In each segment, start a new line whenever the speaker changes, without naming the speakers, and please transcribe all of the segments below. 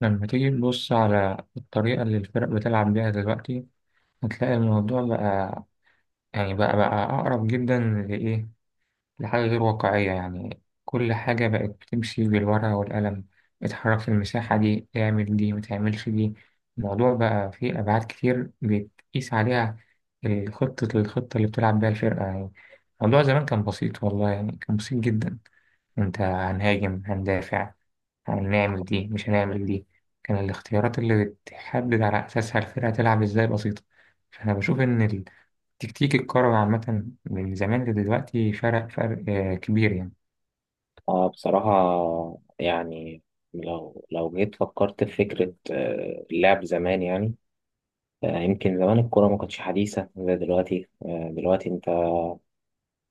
لما تيجي تبص على الطريقة اللي الفرق بتلعب بيها دلوقتي، هتلاقي الموضوع بقى يعني بقى أقرب جدا لإيه؟ لحاجة غير واقعية. يعني كل حاجة بقت بتمشي بالورقة والقلم: اتحرك في المساحة دي، اعمل دي، متعملش دي. الموضوع بقى فيه أبعاد كتير بتقيس عليها، الخطة اللي بتلعب بيها الفرقة يعني. الموضوع زمان كان بسيط والله، يعني كان بسيط جدا. انت هنهاجم، هندافع، هنعمل دي، مش هنعمل دي. كان الاختيارات اللي بتحدد على أساسها الفرقة تلعب إزاي بسيطة. فأنا بشوف إن التكتيك الكروي عامة من زمان لدلوقتي فرق، كبير يعني.
اه بصراحة، يعني لو جيت فكرت في فكرة، اللعب زمان يعني. يمكن زمان الكورة ما كانتش حديثة زي دلوقتي. دلوقتي انت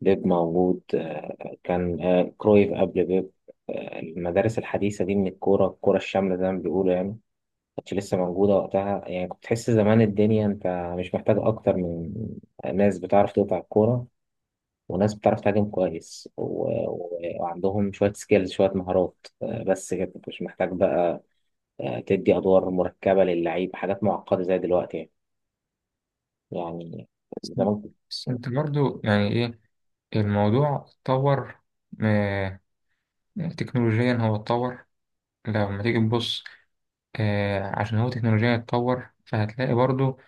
بيب موجود، كان كرويف قبل بيب. المدارس الحديثة دي من الكورة الشاملة زي ما بيقولوا يعني، ما كانتش لسه موجودة وقتها. يعني كنت تحس زمان الدنيا انت مش محتاج اكتر من ناس بتعرف تقطع الكورة، وناس بتعرف تهاجم كويس و... وعندهم شوية سكيلز، شوية مهارات. بس كده، مش محتاج بقى تدي أدوار مركبة للعيب، حاجات معقدة زي دلوقتي يعني.
بس
يعني زمان كنت-
بس أنت برضو يعني إيه، الموضوع اتطور. آه، تكنولوجيا هو اتطور. لما تيجي تبص، عشان هو تكنولوجيا اتطور فهتلاقي برضو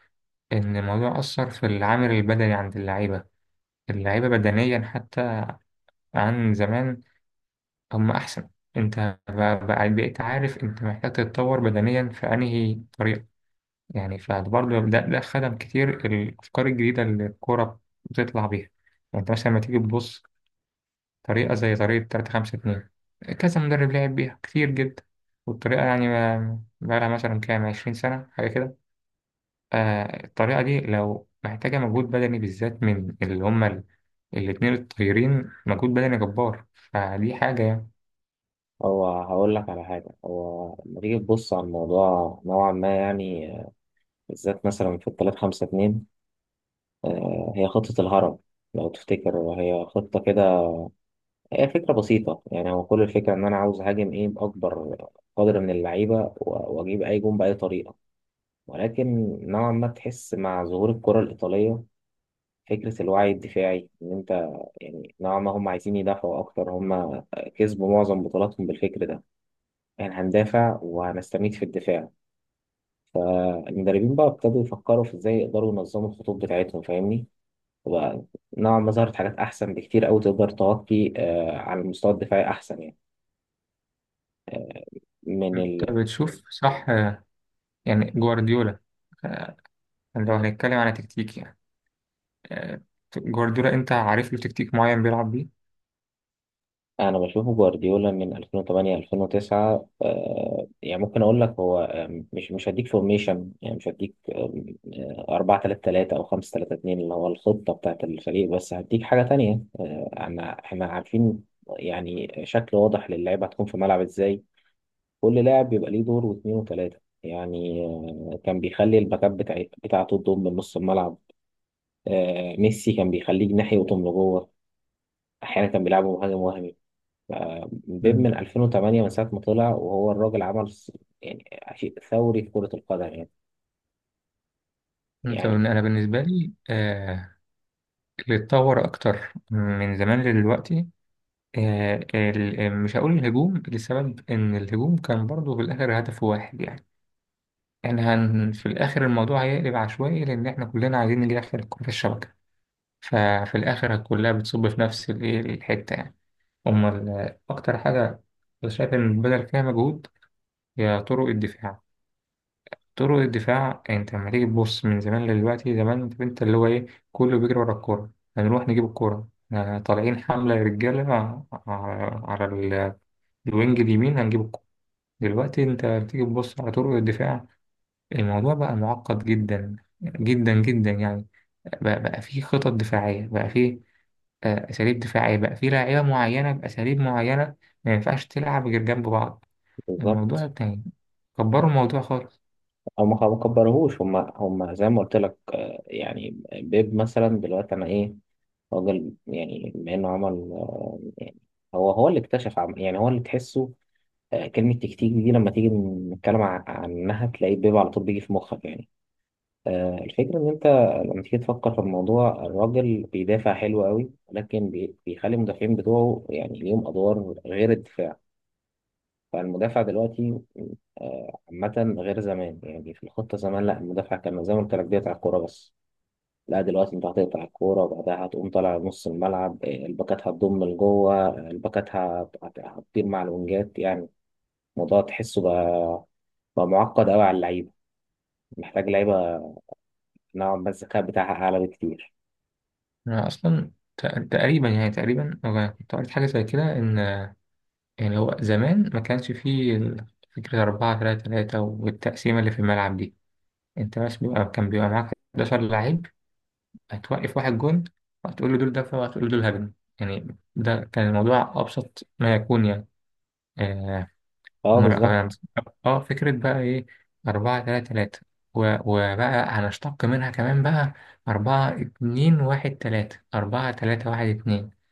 إن الموضوع أثر في العامل البدني عند اللعيبة. اللعيبة بدنيا حتى عن زمان هم أحسن. أنت ب- بقيت عارف أنت محتاج تتطور بدنيا في أنهي طريقة. يعني فبرضه ده خدم كتير الأفكار الجديدة اللي الكورة بتطلع بيها. يعني أنت مثلا لما تيجي تبص طريقة زي طريقة 3 5 2، كذا مدرب لعب بيها كتير جدا. والطريقة يعني بقالها مثلا كام 20 سنة حاجة كده. آه، الطريقة دي لو محتاجة مجهود بدني، بالذات من اللي هما الاتنين الطايرين، مجهود بدني جبار، فدي حاجة يعني.
هو هقول لك على حاجة. هو لما تيجي تبص على الموضوع نوعا ما يعني، بالذات مثلا في التلات خمسة اتنين، هي خطة الهرم لو تفتكر. هي خطة كده، هي فكرة بسيطة يعني. هو كل الفكرة إن أنا عاوز أهاجم إيه بأكبر قدر من اللعيبة، وأجيب أي جون بأي طريقة. ولكن نوعا ما تحس مع ظهور الكرة الإيطالية فكرة الوعي الدفاعي. إن أنت، يعني نوعا ما هم عايزين يدافعوا أكتر. هم كسبوا معظم بطولاتهم بالفكر ده، يعني هندافع وهنستميت في الدفاع. المدربين بقى ابتدوا يفكروا في إزاي يقدروا ينظموا الخطوط بتاعتهم، فاهمني؟ وبقى نوعا ما ظهرت حاجات أحسن بكتير أوي، تقدر تغطي على المستوى الدفاعي أحسن يعني. من
انت بتشوف صح، يعني جوارديولا، آه، لو هنتكلم على تكتيك يعني، آه، جوارديولا انت عارف له تكتيك معين بيلعب بيه.
انا بشوفه جوارديولا من 2008 2009. يعني ممكن اقول لك هو، مش هديك فورميشن يعني، مش هديك 4 3 3 او 5 3 2 اللي هو الخطه بتاعت الفريق، بس هديك حاجه تانية. آه، انا احنا عارفين يعني شكل واضح للعيبه هتكون في ملعب ازاي. كل لاعب بيبقى ليه دور، واثنين وثلاثه يعني. كان بيخلي الباكات بتاعته تضم من نص الملعب. ميسي كان بيخليه جناحي ويضم لجوه، احيانا كان بيلعبه مهاجم وهمي. بيب
مم.
من 2008، من ساعة ما طلع، وهو الراجل عمل يعني شيء ثوري في كرة القدم يعني. يعني
انا بالنسبه لي، آه، اللي اتطور اكتر من زمان لدلوقتي، مش هقول الهجوم، لسبب ان الهجوم كان برضه في الاخر هدف واحد يعني. احنا في الاخر الموضوع هيقلب عشوائي، لان احنا كلنا عايزين نجيب اخر الكره في الشبكه. ففي الاخر كلها بتصب في نفس الايه الحته يعني. امال اكتر حاجه أنا شايف إن بدل فيها مجهود هي طرق الدفاع. طرق الدفاع انت لما تيجي تبص من زمان لدلوقتي، زمان انت اللي هو ايه، كله بيجري ورا الكورة. هنروح نجيب الكورة، طالعين حملة يا رجالة، على الوينج اليمين هنجيب الكورة. دلوقتي انت بتيجي تبص على طرق الدفاع، الموضوع بقى معقد جدا جدا جدا يعني. بقى فيه خطط دفاعية، بقى فيه أساليب دفاعية، بقى فيه لاعيبة معينة بأساليب معينة ما ينفعش تلعب غير جنب بعض. الموضوع
بالظبط.
التاني كبروا الموضوع خالص.
هم ما كبروهوش. هم زي ما قلت لك، يعني بيب مثلا دلوقتي أنا إيه، راجل، يعني بما إنه عمل يعني، هو اللي اكتشف يعني، هو اللي تحسه. كلمة تكتيك دي لما تيجي نتكلم عنها، تلاقي بيب على طول بيجي في مخك يعني. الفكرة إن أنت لما تيجي تفكر في الموضوع، الراجل بيدافع حلو قوي، لكن بيخلي المدافعين بتوعه يعني ليهم أدوار غير الدفاع. فالمدافع دلوقتي عامة غير زمان يعني. في الخطة زمان لا، المدافع كان زي ما قلت لك بيقطع الكورة بس. لا دلوقتي أنت هتقطع الكورة، وبعدها هتقوم طالع نص الملعب. الباكات هتضم لجوه، الباكات هتطير مع الونجات يعني. الموضوع تحسه بقى، بقى معقد قوي على اللعيبة. محتاج لعيبة نوعا ما الذكاء بتاعها أعلى بكتير.
أنا أصلا تقريبا يعني، تقريبا أنا كنت قريت حاجة زي كده إن يعني هو زمان ما كانش فيه فكرة أربعة تلاتة تلاتة والتقسيمة اللي في الملعب دي. أنت بس كان بيبقى معاك 11 لعيب، هتوقف واحد جون وهتقول له دول دفع وهتقول له دول هجم. يعني ده كان الموضوع أبسط ما يكون يعني. آه,
اه،
مر... آه
بالظبط.
آه، فكرة بقى إيه، أربعة تلاتة تلاتة، وبقى هنشتق منها كمان بقى أربعة اتنين واحد تلاتة، أربعة تلاتة واحد اتنين.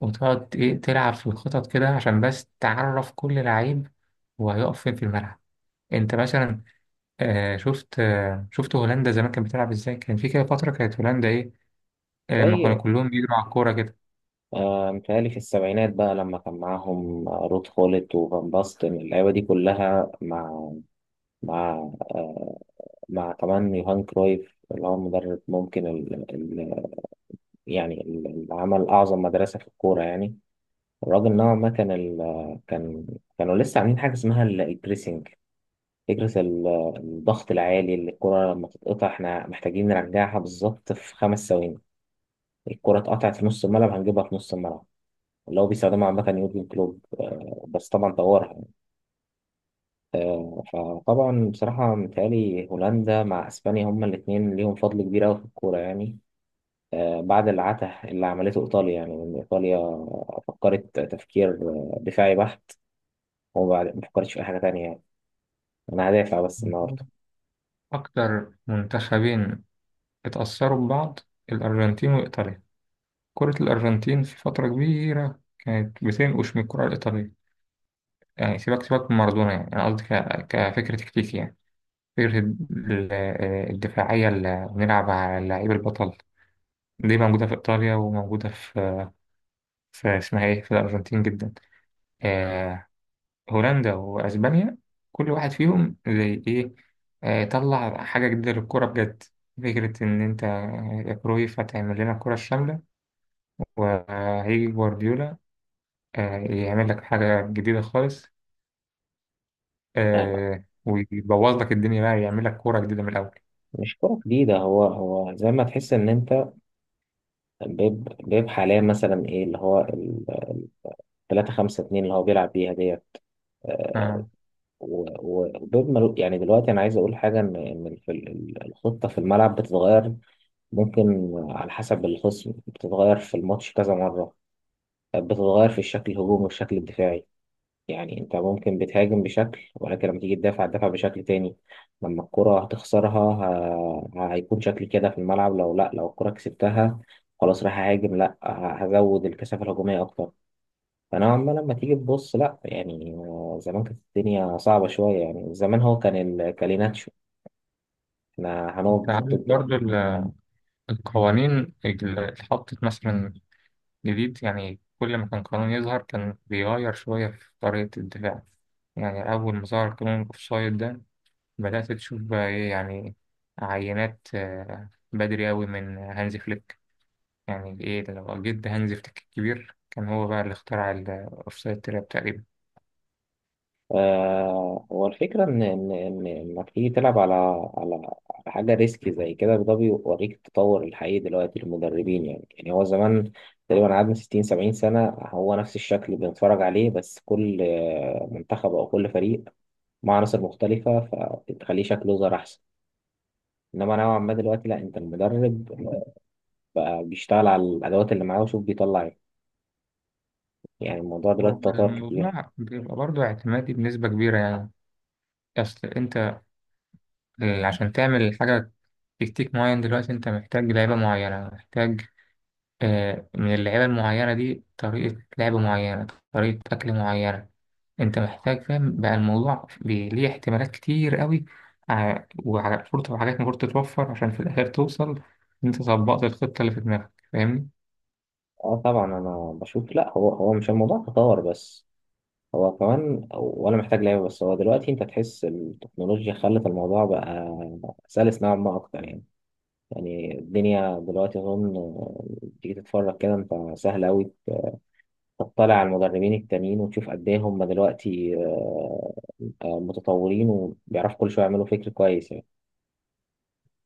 وتقعد إيه تلعب في الخطط كده عشان بس تعرف كل لعيب وهيقف فين في الملعب. انت مثلا شفت هولندا زمان كانت بتلعب ازاي، كان في كده فترة كانت هولندا ايه، لما
زي
كانوا كلهم بيجروا على الكورة كده.
متهيألي في السبعينات بقى، لما كان معاهم رود خولت وفان باستن، اللعيبة دي كلها مع، مع آه، مع كمان يوهان كرويف، اللي هو المدرب. ممكن اللي عمل أعظم مدرسة في الكورة يعني. الراجل نوعا ما كانوا لسه عاملين حاجة اسمها البريسنج، فكرة الضغط العالي. اللي الكرة لما تتقطع، احنا محتاجين نرجعها بالظبط في خمس ثواني. الكرة اتقطعت في نص الملعب، هنجيبها في نص الملعب. اللي هو بيستخدمها عامة يورجن كلوب، بس طبعا طورها. فطبعا بصراحة، متهيألي هولندا مع أسبانيا هما الاتنين ليهم فضل كبير أوي في الكورة يعني. بعد العته اللي عملته إيطاليا. يعني إن إيطاليا فكرت تفكير دفاعي بحت، وبعد ما فكرتش في أي حاجة تانية يعني. أنا هدافع بس النهاردة.
اكتر منتخبين اتأثروا ببعض: الارجنتين وايطاليا. كرة الارجنتين في فترة كبيرة كانت بتنقش من الكرة الايطالية. يعني سيبك سيبك من مارادونا يعني، انا قصدي كفكرة تكتيكي يعني. فكرة الدفاعية اللي بنلعب على اللعيب البطل دي موجودة في إيطاليا وموجودة في اسمها إيه في الأرجنتين جدا. آه. هولندا وأسبانيا كل واحد فيهم زي إيه، آه، طلع حاجة جديدة للكرة بجد. فكرة إن أنت يا كرويف هتعمل لنا الكرة الشاملة، وهيجي جوارديولا آه يعمل لك حاجة جديدة خالص،
لا، لا،
آه، ويبوظ لك الدنيا، بقى يعمل لك كورة جديدة من الأول.
مش كرة جديدة. هو زي ما تحس إن أنت، بيب حاليا مثلا إيه اللي هو ال 3 5 2 اللي هو بيلعب بيها ديت. آه،
آه.
يعني دلوقتي انا عايز اقول حاجه، الخطه في الملعب بتتغير. ممكن على حسب الخصم بتتغير في الماتش كذا مره، بتتغير في الشكل الهجومي والشكل الدفاعي. يعني انت ممكن بتهاجم بشكل، ولكن لما تيجي تدافع تدافع بشكل تاني. لما الكره هتخسرها، هيكون شكل كده في الملعب. لو لا، لو الكره كسبتها خلاص راح اهاجم، لا هزود الكثافه الهجوميه اكتر. فنوعا ما لما تيجي تبص لا يعني، زمان كانت الدنيا صعبة شوية يعني. زمان هو كان الكاليناتشو، احنا هنقعد
أنت
بخط
عارف
الض-
برضه القوانين اللي اتحطت مثلا جديد، يعني كل ما كان قانون يظهر كان بيغير شوية في طريقة الدفاع. يعني أول ما ظهر قانون الأوفسايد ده بدأت تشوف بقى إيه يعني، عينات بدري أوي من هانزي فليك. يعني إيه ده، لو جد هانزي فليك الكبير كان هو بقى اللي اخترع الأوفسايد تراب تقريبا.
آه، هو الفكرة إن إنك تيجي تلعب على على حاجة ريسكي زي كده، ده بيوريك التطور الحقيقي دلوقتي للمدربين يعني. يعني هو زمان تقريبا قعدنا 60 70 سنة هو نفس الشكل بنتفرج عليه، بس كل منتخب أو كل فريق مع عناصر مختلفة، فتخليه شكله ظهر أحسن. انما نوعا ما دلوقتي لا، انت المدرب بقى بيشتغل على الادوات اللي معاه وشوف بيطلع ايه. يعني الموضوع دلوقتي
هو
تطور كتير.
الموضوع بيبقى برضه اعتمادي بنسبة كبيرة يعني. أصل أنت عشان تعمل حاجة، تكتيك معين دلوقتي أنت محتاج لعيبة معينة، محتاج من اللعيبة المعينة دي طريقة لعب معينة، طريقة أكل معينة. أنت محتاج، فاهم بقى الموضوع ليه احتمالات كتير قوي وعلى فرصة وحاجات المفروض تتوفر عشان في الآخر توصل إن أنت طبقت الخطة اللي في دماغك، فاهمني؟
اه طبعا، انا بشوف لا، هو مش الموضوع تطور بس، هو كمان ولا محتاج لعيبه بس. هو دلوقتي انت تحس التكنولوجيا خلت الموضوع بقى سلس نوعا ما اكتر يعني. يعني الدنيا دلوقتي اظن، تيجي تتفرج كده انت سهل قوي. تطلع على المدربين التانيين وتشوف قد ايه هم دلوقتي متطورين وبيعرفوا كل شويه يعملوا فكر كويس يعني.